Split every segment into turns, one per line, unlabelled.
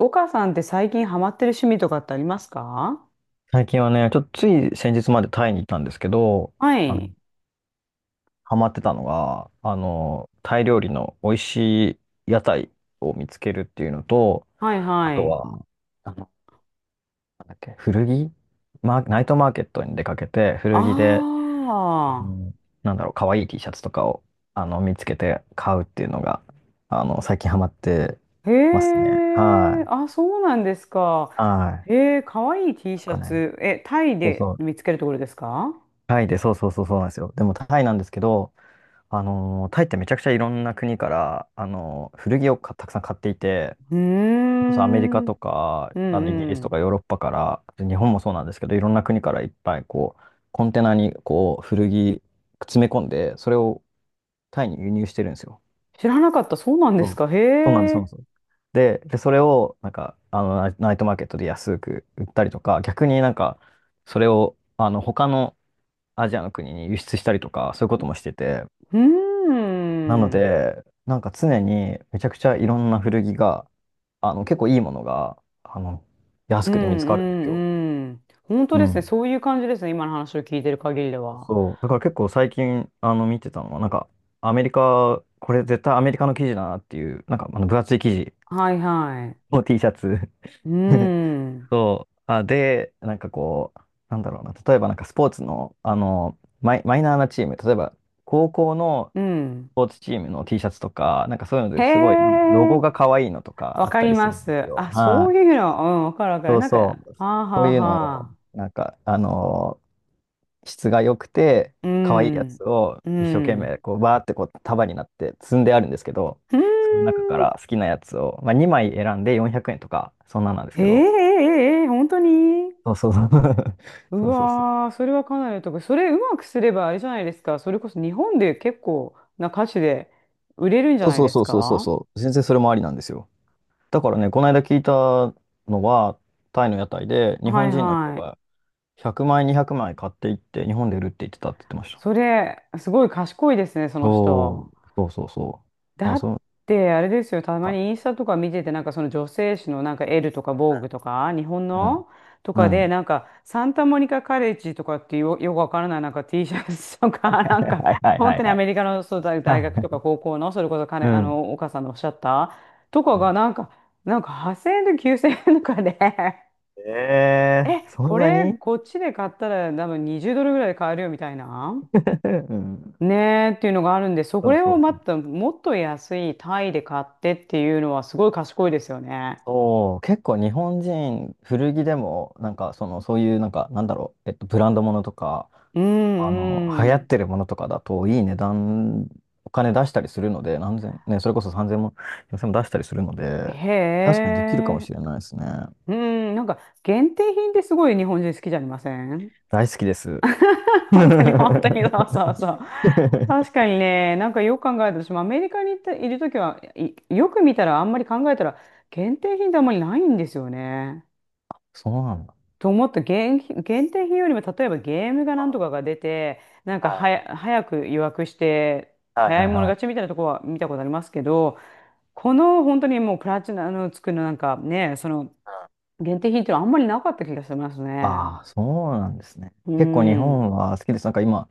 岡さんって最近ハマってる趣味とかってありますか？
最近はね、ちょっとつい先日までタイにいたんですけど、
は
あの、
い。
ハマってたのが、タイ料理の美味しい屋台を見つけるっていうのと、
はい
あ
は
と
い。
は、あの、なんだっけ、古着マーナイトマーケットに出かけて、古着で、あ
あ
の可愛い T シャツとかを、見つけて買うっていうのが、最近ハマって
あ。へ
ますね。は
え。
い。
あ、そうなんですか。
はい。
へえ、かわいい T
なん
シャ
かね、
ツ。え、タイ
そう
で
そう。
見つけるところですか？
タイで、そうそうそうそうなんですよ。でもタイなんですけど、タイってめちゃくちゃいろんな国から、古着をたくさん買っていて、
うー
それこそアメリカ
ん。うん
とか、
う
イギリスと
ん。
かヨーロッパから、日本もそうなんですけど、いろんな国からいっぱいコンテナに古着詰め込んで、それをタイに輸入してるんですよ。
知らなかった。そうなんで
そ
す
う、
か。へ
そうなんです、そうな
え。
んです。で、それを、ナイ、ナイトマーケットで安く売ったりとか、逆にそれを、他のアジアの国に輸出したりとか、そういうこともしてて、
うー
なの
ん。
で、常にめちゃくちゃいろんな古着が、結構いいものが、
う
安
ん
くて見つかるんですよ。
うんうん。本当
う
ですね。
ん。
そういう感じですね。今の話を聞いてる限りでは。
そう。だから結構最近、見てたのは、アメリカ、これ絶対アメリカの生地だなっていう、分厚い生地
はいはい。
の T シャツ。
うー ん。
そう。あ、で、なんかこう、なんだろうな、例えばスポーツの、マイナーなチーム、例えば、高校の
うん。
ポーツチームの T シャツとか、そういうの
へ
ですごい、ロ
え、
ゴが可愛いのとか
わ
あっ
か
た
り
りす
ま
るんです
す。
よ。
あ、そ
は
うい
い。
うの、うん、わかるわかる。
そう
なんか、
そ
は
う。
あ
そ
は
う
あ
いうの
は
を、
あ。
なんか、あのー質が良くて、
う
可愛いやつ
ん、
を
う
一生懸
ん。
命、バーって束になって積んであるんですけど、
うーん。
その中から好きなやつを、まあ、2枚選んで400円とか、そんなんなんです
へ
け
え、え
ど、
え、ええ、本当に。
そうそうそう。
う
そうそうそう。
わー、それはかなりのとこ。それうまくすればあれじゃないですか。それこそ日本で結構な歌手で売れるんじゃ
そう
ない
そう
で
そ
す
うそうそう
か？
そう。全然それもありなんですよ。だからね、この間聞いたのは、タイの屋台で日
は
本
い
人の人
はい。
が100枚、200枚買っていって、日本で売るって言ってたって言ってました。
それ、すごい賢いですね、その
そ
人。
う。そうそうそう。
だ
あ、
っ
そう
てあれですよ、たまにイン
か
スタとか見てて、なんかその女性誌のなんかエルとかボーグとか、日本
ね。
のと
う
か
ん。う
で、
ん。
なんかサンタモニカカレッジとかっていう、よくわからないなんか T シャツとか、なん か
はいはい
本
は
当
い
に
は
ア
い。
メリカのそうだ
は
大学とか
い。
高校の、それこそ彼、
うん。
お母さんのおっしゃったとか
う
が
ん。
なんか、なんか8000円と9000円とかで
え
え、
ーそん
こ
な
れ
に。
こっちで買ったら多分20ドルぐらいで買えるよみたいな。
うん。
ねえっていうのがあるんで、そ
そう
れ
そ
を
うそ
ま
う。
たもっと安いタイで買ってっていうのはすごい賢いですよね。
そう、結構日本人、古着でも、なんか、その、そういう、なんか、なんだろう、えっと、ブランドものとか、
う
流
んう
行っ
ん。
てるものとかだと、いい値段、お金出したりするので、何千、ね、それこそ3000も、4 0も出したりするので、確
へ
かにできるかも
え。
しれないですね。
うん、なんか限定品ってすごい日本人好きじゃありません？
大好きです。
本当に本当にそうそうそ う。確かにね、なんかよく考えたら、私もアメリカに行ったいるときは、いよく見たらあんまり考えたら限定品ってあんまりないんですよね。
そうなんだ。
と思った。限定品よりも例えばゲームがなんとかが出てなんか
は
は
い。
や早く予約して
はい
早い
はい
者
はい。
勝ちみたいなとこは見たことありますけど、この本当にもうプラチナのつくのなんかねその限定品っていうのはあんまりなかった気がしますね。
ああ、そうなんですね。
う
結構日
ん。
本は好きです。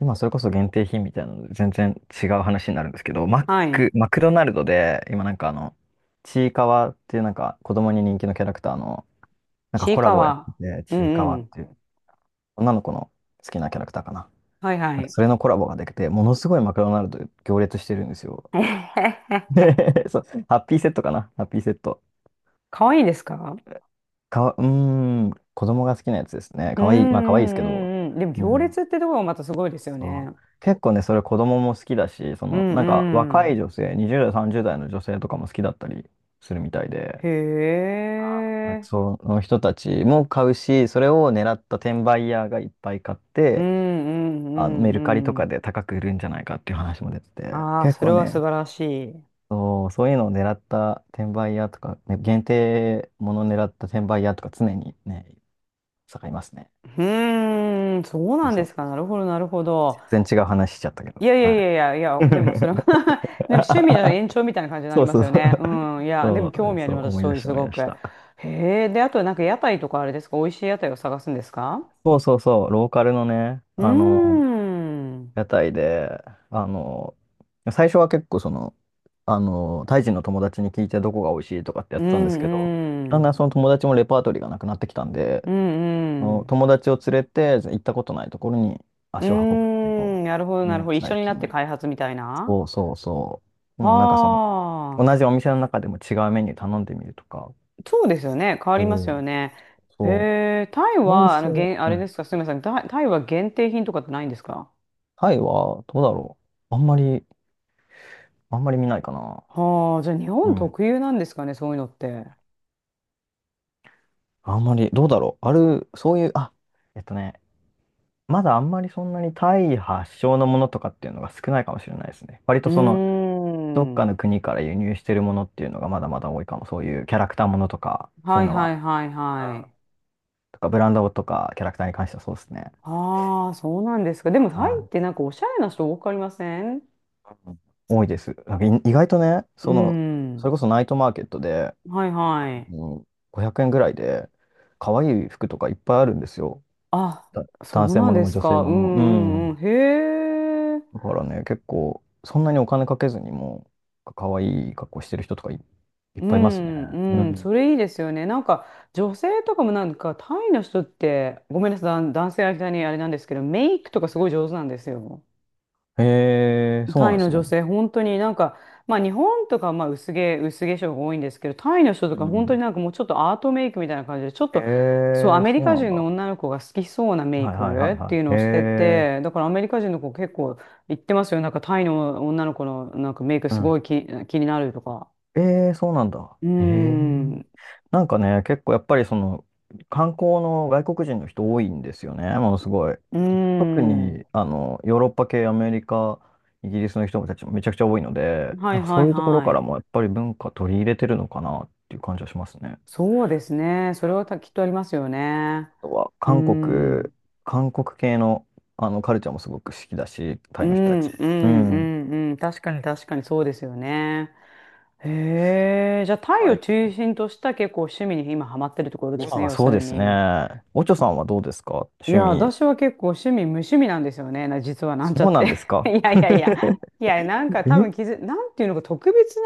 今それこそ限定品みたいなので全然違う話になるんですけど、マッ
は
ク、
い。
マクドナルドで、今ちいかわっていう子供に人気のキャラクターの、
ちい
コラ
か
ボをやっ
わ。
てて、
うん
ちいかわ
う
っ
ん。
ていう、女の子の好きなキャラクターかな。
はいはい。
それのコラボができて、ものすごいマクドナルド行列してるんですよ。
えへへ。
で、 そう、ハッピーセットかな、ハッピーセット。
かわいいですか？
かわ、うーん、子供が好きなやつですね。
うん
か
う
わいい、まあかわいいですけど。
んうんうん。でも
う
行
ん、
列ってところがまたすごいですよ
そ
ね。
う。結構ね、それ子供も好きだし、そ
う
の、
んう
若い
ん。
女性、20代、30代の女性とかも好きだったりするみたいで、
へ
あ、
え。
その人たちも買うし、それを狙った転売ヤーがいっぱい買っ
うんう
て、
ん
メ
う
ルカリと
んう
か
ん。
で高く売るんじゃないかっていう話も出てて、
ああ、
結
それ
構
は素
ね、
晴らしい。う
そう、そういうのを狙った転売屋とか、ね、限定ものを狙った転売屋とか常にね、盛りますね。
ーん、そう
そ
な
う
ん
そ
で
う。
すか。なるほど、なるほど。
全然違う話しちゃったけ
い
ど。
やいやい
は
やいや、いや、
い。
でもそれは、 でも趣味の 延長みたいな感じにな
そ
り
う
ま
そ
す
う
よ
そう。
ね。うん、いや、でも
そ
興
う、
味あ
そ
り
う、
ます、
思い
そう
出
いう
した、
す
思い
ご
出し
く。
た。
へえ、で、あとなんか屋台とかあれですか、美味しい屋台を探すんですか？
そうそうそう、ローカルのね、
うーん、
屋台で、あの、最初は結構タイ人の友達に聞いてどこが美味しいとかってや
う
ってたんですけど、
んう
だんだ
ん、
んその友達もレパートリーがなくなってきたんで、
う
あ
んう
の
ん、
友達を連れて行ったことないところに
うー
足を運ぶっていうの
ん、なるほど、な
を、
る
ね、
ほど。一緒
最
になって
近。
開発みたいな。
そうそうそう。
は
もう同じお
あ。
店の中でも違うメニュー頼んでみるとか。
そうですよね。変わりま
そ
すよ
う、
ね。へ
そう。
え、タイ
この
は、
店、
あ
う
れで
ん。
すか、すみません。タイは限定品とかってないんですか？
タイはどうだろう。あんまり、あんまり見ないかな。
はあ、じゃあ日
う
本
ん、
特有なんですかね、そういうのって。
あんまり、どうだろう。ある、そういう、あ、えっとね、まだあんまりそんなにタイ発祥のものとかっていうのが少ないかもしれないですね。割
う
と
ー
その、どっか
ん。
の国から輸入してるものっていうのがまだまだ多いかも。そういうキャラクターものとか、そう
は
いう
い
の
は
は、
いはいは
あ、
い。
とかブランドとかキャラクターに関してはそうですね。
ああ、そうなんですか。でも
あ、
タイ
は
って
い。
なんかおしゃれな人多くありません？
うん、多いです。なんかい意外とね、
う
その、それ
ん。
こそナイトマーケットで、
はいはい。
うん、500円ぐらいで、可愛い服とかいっぱいあるんですよ。
あ、
だ、
そ
男
う
性
な
も
ん
の
で
も
す
女性
か。う
ものも。う
んうんうん。
ん。
へえ。
だからね、結構、そんなにお金かけずにも、可愛い格好してる人とかい、いっ
う
ぱいいますね。
ん、
う
うん、
ん。
それいいですよね。なんか、女性とかもなんか、タイの人って、ごめんなさい、男性相手にあれなんですけど、メイクとかすごい上手なんですよ。
へえ、そう
タ
な
イ
んで
の
すね。
女性、本当になんか、まあ日本とかまあ薄化粧が多いんですけど、タイの人と
う
か本当に
ん。
なんかもうちょっとアートメイクみたいな感じで、ちょっ
へ
と、そう、ア
え、
メリ
そう
カ
なん
人の
だ。
女の子が好きそうなメイ
はいはいはい
クっ
は
ていうの
い。へ
をしてて、
え、
だからアメリカ人の子結構言ってますよ。なんかタイの女の子のなんかメイク
う
すご
ん。
い気になるとか。
ええ、そうなんだ。
うー
へえ。
ん、
結構やっぱりその観光の外国人の人多いんですよね、ものすごい。
うー
特
ん。
にヨーロッパ系、アメリカ、イギリスの人たちもめちゃくちゃ多いので、
はいは
そ
い
ういうところか
は
ら
い。
もやっぱり文化取り入れてるのかなっていう感じはしますね。
そうですね。それはきっとありますよね。
あとは
うー
韓国、
ん。
韓国系の、カルチャーもすごく好きだし、
う
タイの人た
ん、うん、
ち。
う
うん。
ん、うん。確かに、確かにそうですよね。へえ。じゃあ、タイ
は
を
い。
中心とした結構趣味に今ハマってるところです
今
ね、
は
要す
そう
る
です
に。
ね。おちょさんはどうですか、
い
趣
や、
味。
私は結構趣味、無趣味なんですよね。実はなんちゃ
そう
っ
なん
て。
です か。
いやいやいや。いや、なんか多分
え
なんていうのか、特別な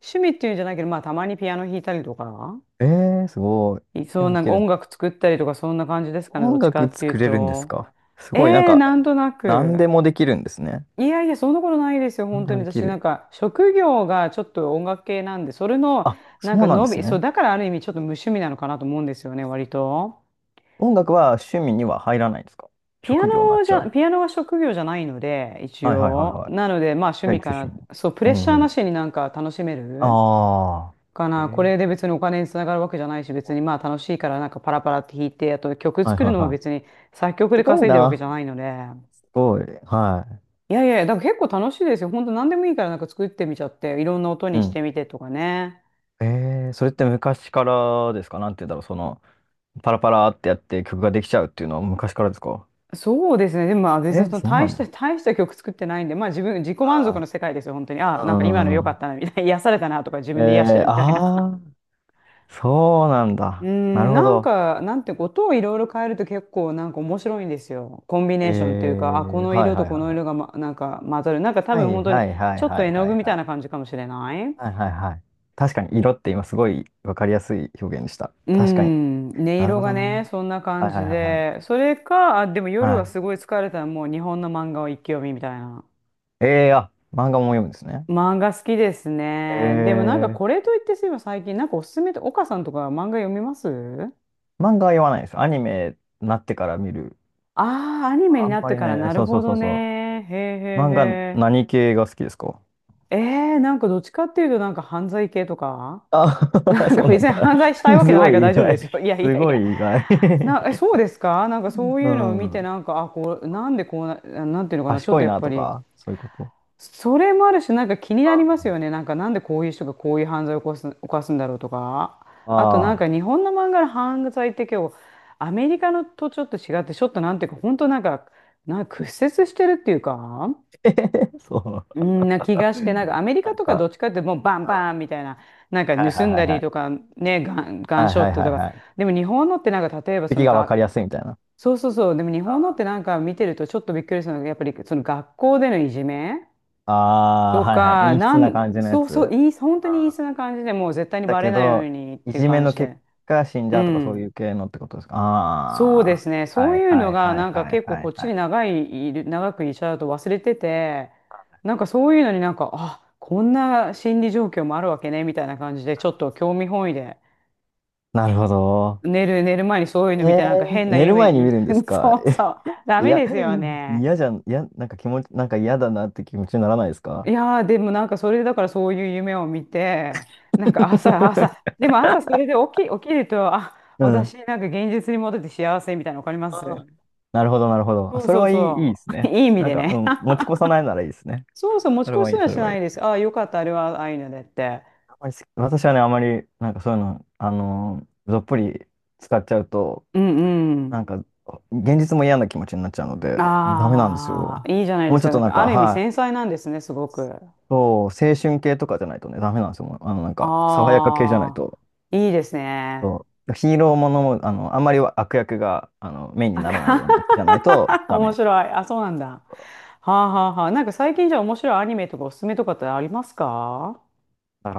趣味っていうんじゃないけど、まあ、たまにピアノ弾いたりとか。
えー、すごい。ピア
そう、
ノ
な
弾
ん
け
か
る。
音楽作ったりとかそんな感じですかね、ど
音
っちか
楽
っていう
作れるんです
と。
か、す
え
ごい、なん
え
か、
なんとな
何で
く。
もできるんですね。
いやいや、そんなことないですよ、
何
本
で
当
も
に。
でき
私な
る。
んか、職業がちょっと音楽系なんで、それの、
あ、
なん
そ
か
うなんです
そう、
ね。
だからある意味ちょっと無趣味なのかなと思うんですよね、割と。
音楽は趣味には入らないんですか。
ピア
職業になっ
ノじ
ちゃう。
ゃ、ピアノは職業じゃないので、一
はいはいはい
応。
はい。
なので、まあ趣
じゃあ
味
一
か
応趣
な。
味。
そう、プ
う
レッシ
ん
ャー
う
な
ん。
しになんか楽しめる。
ああ。
か
え
な。こ
ー、
れで別にお金につながるわけじゃないし、別にまあ楽しいからなんかパラパラって弾いて、あと曲
はい
作る
はい
のも
はい。
別に作曲
す
で
ごい
稼いでるわけ
な。
じゃないので。
すごい。は
いやいや、だから結構楽しいですよ。本当何でもいいからなんか作ってみちゃって、いろんな音
い。
に
う
し
ん。
てみてとかね。
えー、それって昔からですか、なんて言うんだろう。その、パラパラってやって曲ができちゃうっていうのは昔からですか。
そうですね。でもまあ別に
え、
その
そう
大
な
した、
の。
大した曲作ってないんで、まあ自己満足
は
の世界ですよ、本当に。
い。
ああ、なんか今の良
う
かっ
ん。
たな、みたいな。癒されたなとか自分で癒して
えー、
るみたいな。
ああ。そうなん
うー
だ。なる
ん、
ほ
なん
ど。
か、なんて、音をいろいろ変えると結構なんか面白いんですよ。コンビ
え
ネーションというか、あ、こ
ー、
の
はい
色と
はい
こ
はい
の
は
色が、
い。
ま、なんか混ざる。なんか多
はい
分本当に
はいは
ち
い
ょっ
は
と
い
絵の
は
具
い
み
は
たい
い。
な感じかもしれない。
はいはいはい。確かに色って今すごいわかりやすい表現でした。
う
確かに。
ん、音
なる
色
ほ
が
どな。
ね、そんな感
はい
じ
はいはいは
で。
い。
それか、あ、でも夜
は
はすごい疲れたらもう日本の漫画を一気読みみたいな。
い。あ、漫画も読むんですね。
漫画好きです
え
ね。でもなんか
ー、
これといってすいません、最近なんかおすすめって、岡さんとか漫画読みます？
漫画は読まないです。アニメになってから見る。
ああー、アニメに
あん
なっ
ま
て
り
から
ね、
なる
そうそ
ほ
うそ
ど
う
ね。
そ
へえへ
う。漫画
えへ
何系が好きですか？
え、えなんかどっちかっていうと、なんか犯罪系とか、
あ、
な んか
そうなん
別に
だ。
犯罪したいわ けじ
す
ゃない
ご
か
い
ら
意
大丈夫で
外。
すよ。いやい
す
やい
ご
や。
い意外。
え、そうですか、なんかそ う
う
いうのを見て、
ん。
なんか、あ、こう、なんでこうな、なんていうのかな、ちょっ
賢
と
い
やっ
な
ぱ
と
り、
か、そういうこと。
それもあるし、なんか気になりますよ
あ
ね。なんか、なんでこういう人がこういう犯罪を起こす、犯すんだろうとか。
あ、
あと、なん
あ
か
あ、
日本の漫画の犯罪って今日、アメリカのとちょっと違って、ちょっとなんていうか、本当なんか、なんか屈折してるっていうか、
えへへそう。
うんな気がして、なんかアメリ
な
カ
ん
とかど
か、
っちかってもうバ
う
ンバン
ん、
みたいな、なんか
はいは
盗
い
ん
は
だ
いは
りと
い。
かね、ガン
はい
ショ
は
ッ
い
ト
は
と
い
か。
はい。
でも日本のってなんか例えばそ
敵
の
が分か
が、
りやすいみたいな。
そうそうそう、でも日
あ、
本のってなんか見てるとちょっとびっくりするのが、やっぱりその学校でのいじめ
ああ、
と
はいはい。
か、
陰湿な感じのや
そうそう、
つ。
本当
あ
にいいそ
あ、
うな感じでもう絶対に
だ
バレ
け
ないよう
ど、
にっ
い
ていう
じめ
感
の
じ
結
で。
果死んじ
う
ゃうとかそうい
ん。
う系のってことですか？
そう
あ
ですね。
あ、
そ
は
う
い
いう
は
の
い
が、
は
な
い
んか
はい
結構
は
こっ
い
ち
は
に
い。
長くいちゃうと忘れてて、なんかそういうのになんか、あ、こんな心理状況もあるわけね、みたいな感じで、ちょっと興味本位で、
なるほど。
寝る前にそういうの見
え
て、なんか変な
寝る
夢、
前に見
い
るんで すか？
そう そう、ダ
い
メ
や、
ですよね。
嫌じゃん、いや、なんか気持ち、なんか嫌だなって気持ちにならないです
い
か？
やー、でもなんかそれでだからそういう夢を見て、朝、でも朝それで起きると、あ、
うん。
私なんか現実に戻って幸せみたいなの分かります？
ああ、なるほど、なるほど。あ、
そう
それ
そう
はいい、いいで
そ
す
う。
ね。
いい意味
なん
で
か、う
ね。
ん、持ち越さないならいいですね。
そうそう、持ち
それ
越
は
し
いい、
は
そ
し
れはい
ないで
い。
す。ああ、よかった、あれはアイヌでって。
あんまりす私はね、あまり、なんかそういうの、どっぷり使っちゃうと、
うんうん。
なんか、現実も嫌な気持ちになっちゃうので、ダメなんです
あ
よ。
あ、いいじゃないで
もう
す
ちょ
か。
っ
な
と
ん
なん
か
か、
ある意味
は
繊細なんですね、すごく。
い、そう、青春系とかじゃないとね、ダメなんですよ。もうあの、なんか、爽やか系じゃない
あ
と。
あ、いいですね。
そうヒーローものも、あの、あんまり悪役が、あの、メインに
あ
ならない
か
ようなやつじゃないと ダ
面
メ。
白い。あ、そうなんだ。はあはあはあ。なんか最近じゃあ面白いアニメとかおすすめとかってありますか？
だか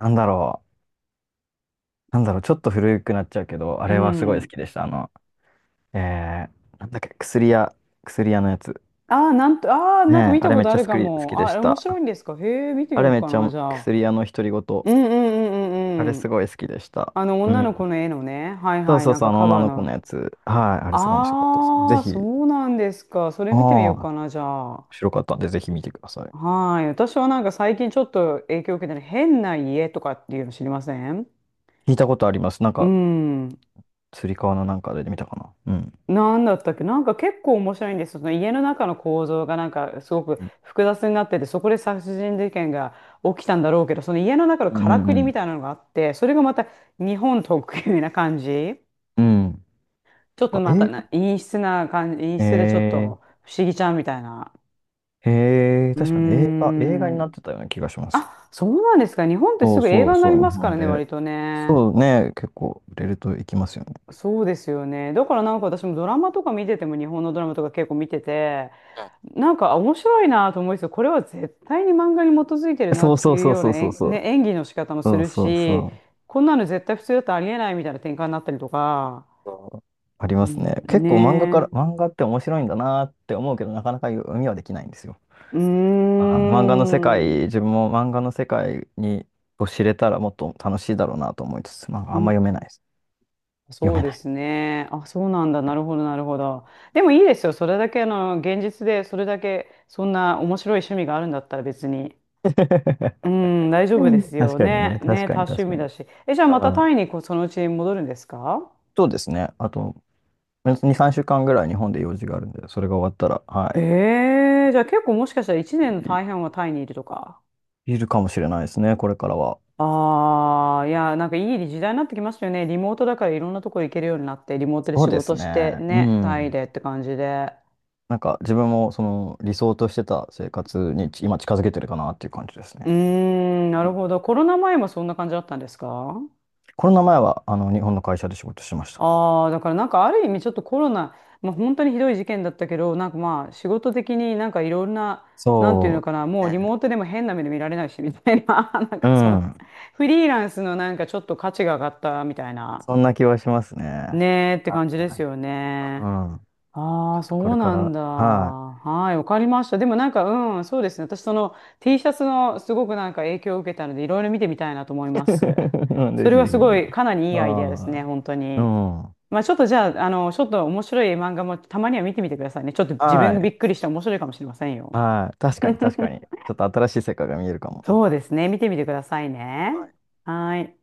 ら、なんだろう。なんだろう、ちょっと古くなっちゃうけど、あ
う
れはすごい好
ん。
きでした。あの、えー、なんだっけ、薬屋、薬屋のやつ。
ああ、なんと、ああ、
ね
なんか
え、
見
あ
た
れ
こ
めっ
と
ち
あ
ゃ
る
好
か
き、好
も。
きでし
あ、面
た。
白いんですか？へえ、見てみ
あ
よ
れ
う
めっ
か
ち
な、
ゃ
じゃあ。
薬屋の独り言。
うんうんうん
あ
う
れ
んう
す
ん。
ごい好きでした。
あの
う
女
ん。
の子の絵のね、はい
そう
はい、
そう
なん
そう、
か
あの
カ
女
バー
の子の
の。
やつ。はい、あれすごい面白かったです。ぜ
ああ、
ひ、
そうなんですか。それ
ああ、
見てみよう
面
かな、じゃあ。
白かったんで、ぜひ見てください。
はい。私はなんか最近ちょっと影響を受けてる変な家とかっていうの知りません？
聞いたことあります。なん
う
か、
ん。
つり革のなんかで見たかな。うん。
なんだったっけ、なんか結構面白いんですよ。その家の中の構造がなんかすごく複雑になってて、そこで殺人事件が起きたんだろうけど、その家の中の
うん
か
う
ら
ん
く
う
りみ
ん。
たいなのがあって、それがまた日本特有な感じ。
うん。
ちょ
な
っ
ん
と
か
ま
映
たな、
画、
陰湿な感じ、陰湿でちょっと
え
不思議ちゃんみたいな。うー
確かに映画、映画にな
ん。
ってたような気がします。
あ、そうなんですか。日本って
そ
す
う
ぐ映
そう
画にな
そ
り
う、日
ますか
本
らね、
で。
割とね。
そうね、結構売れるといきますよね。
そうですよね。だからなんか私もドラマとか見てても、日本のドラマとか結構見てて、なんかあ面白いなと思いつつ、これは絶対に漫画に基づいてるな
そう
って
そう
いう
そう
よう
そ
な
うそうそう。
演技の仕方もす
そう
る
そう
し、
そう
こんなの絶対普通だとありえないみたいな展開になったりとか。
そう。あり
う
ます
ん、
ね。結
ね
構漫画から、
え。
漫画って面白いんだなって思うけど、なかなか読みはできないんですよ。
うー
漫画の世界、
ん。う
自分も漫画の世界にを知れたらもっと楽しいだろうなと思いつつ、まあ、あんま読
ー
めないです。読
そう
め
で
ない。
すね。あ、そうなんだ。なるほど、なるほど。でもいいですよ。それだけ、あの、現実で、それだけ、そんな面白い趣味があるんだったら別に。う ん、大丈
う
夫で
ん、
す
確
よ
かに
ね。
ね、確
ね、
か
多
に
趣
確か
味
に。
だし。え、じゃあまた
あー
タイにこうそのうちに戻るんですか？
そうですね。あと、2、3週間ぐらい日本で用事があるんで、それが終わったら、はい。
へえ、じゃあ結構もしかしたら1年の大半はタイにいるとか。
いるかもしれないですね、これからは。
ああ、いや、なんかいい時代になってきましたよね。リモートだからいろんなところ行けるようになって、リモートで
そ
仕
うです
事して、
ね。う
ね、タイ
ん。
でって感じで。
なんか自分もその理想としてた生活に今近づけてるかなっていう感じです
うー
ね。
ん、な
う
る
ん、
ほど。コロナ前もそんな感じだったんですか？
コロナ前はあの日本の会社で仕事してました。
ああー、だからなんかある意味ちょっとコロナ、まあ、本当にひどい事件だったけど、なんかまあ仕事的になんかいろんな、なんていうの
そ
かな、
う。
もうリ
ね。
モートでも変な目で見られないしみたいな、なん
う
かそういう、
ん。
フリーランスのなんかちょっと価値が上がったみたいな、
そんな気はしますね。
ねーって
は
感じです
い。
よ
う
ね。
ん。
あ
ち
あ、
ょっとこ
そう
れか
なん
ら、
だ。
はい。
はい、わかりました。でもなんか、うん、そうですね。私、その T シャツのすごくなんか影響を受けたので、いろいろ見てみたいなと思います。
うん、ぜ
そ
ひ
れは
ぜ
すご
ひ。
い、かなりいいアイデアです
は
ね、
い。
本当
うん。
に。
は
まあ、ちょっとじゃあ、あの、ちょっと面白い漫画もたまには見てみてくださいね。ちょっと自分が
い。
びっくりして面白いかもしれませんよ。
はい。確かに確かに。ち ょっと新しい世界が見えるかも。
そうですね、見てみてください
は
ね。
い。
はい。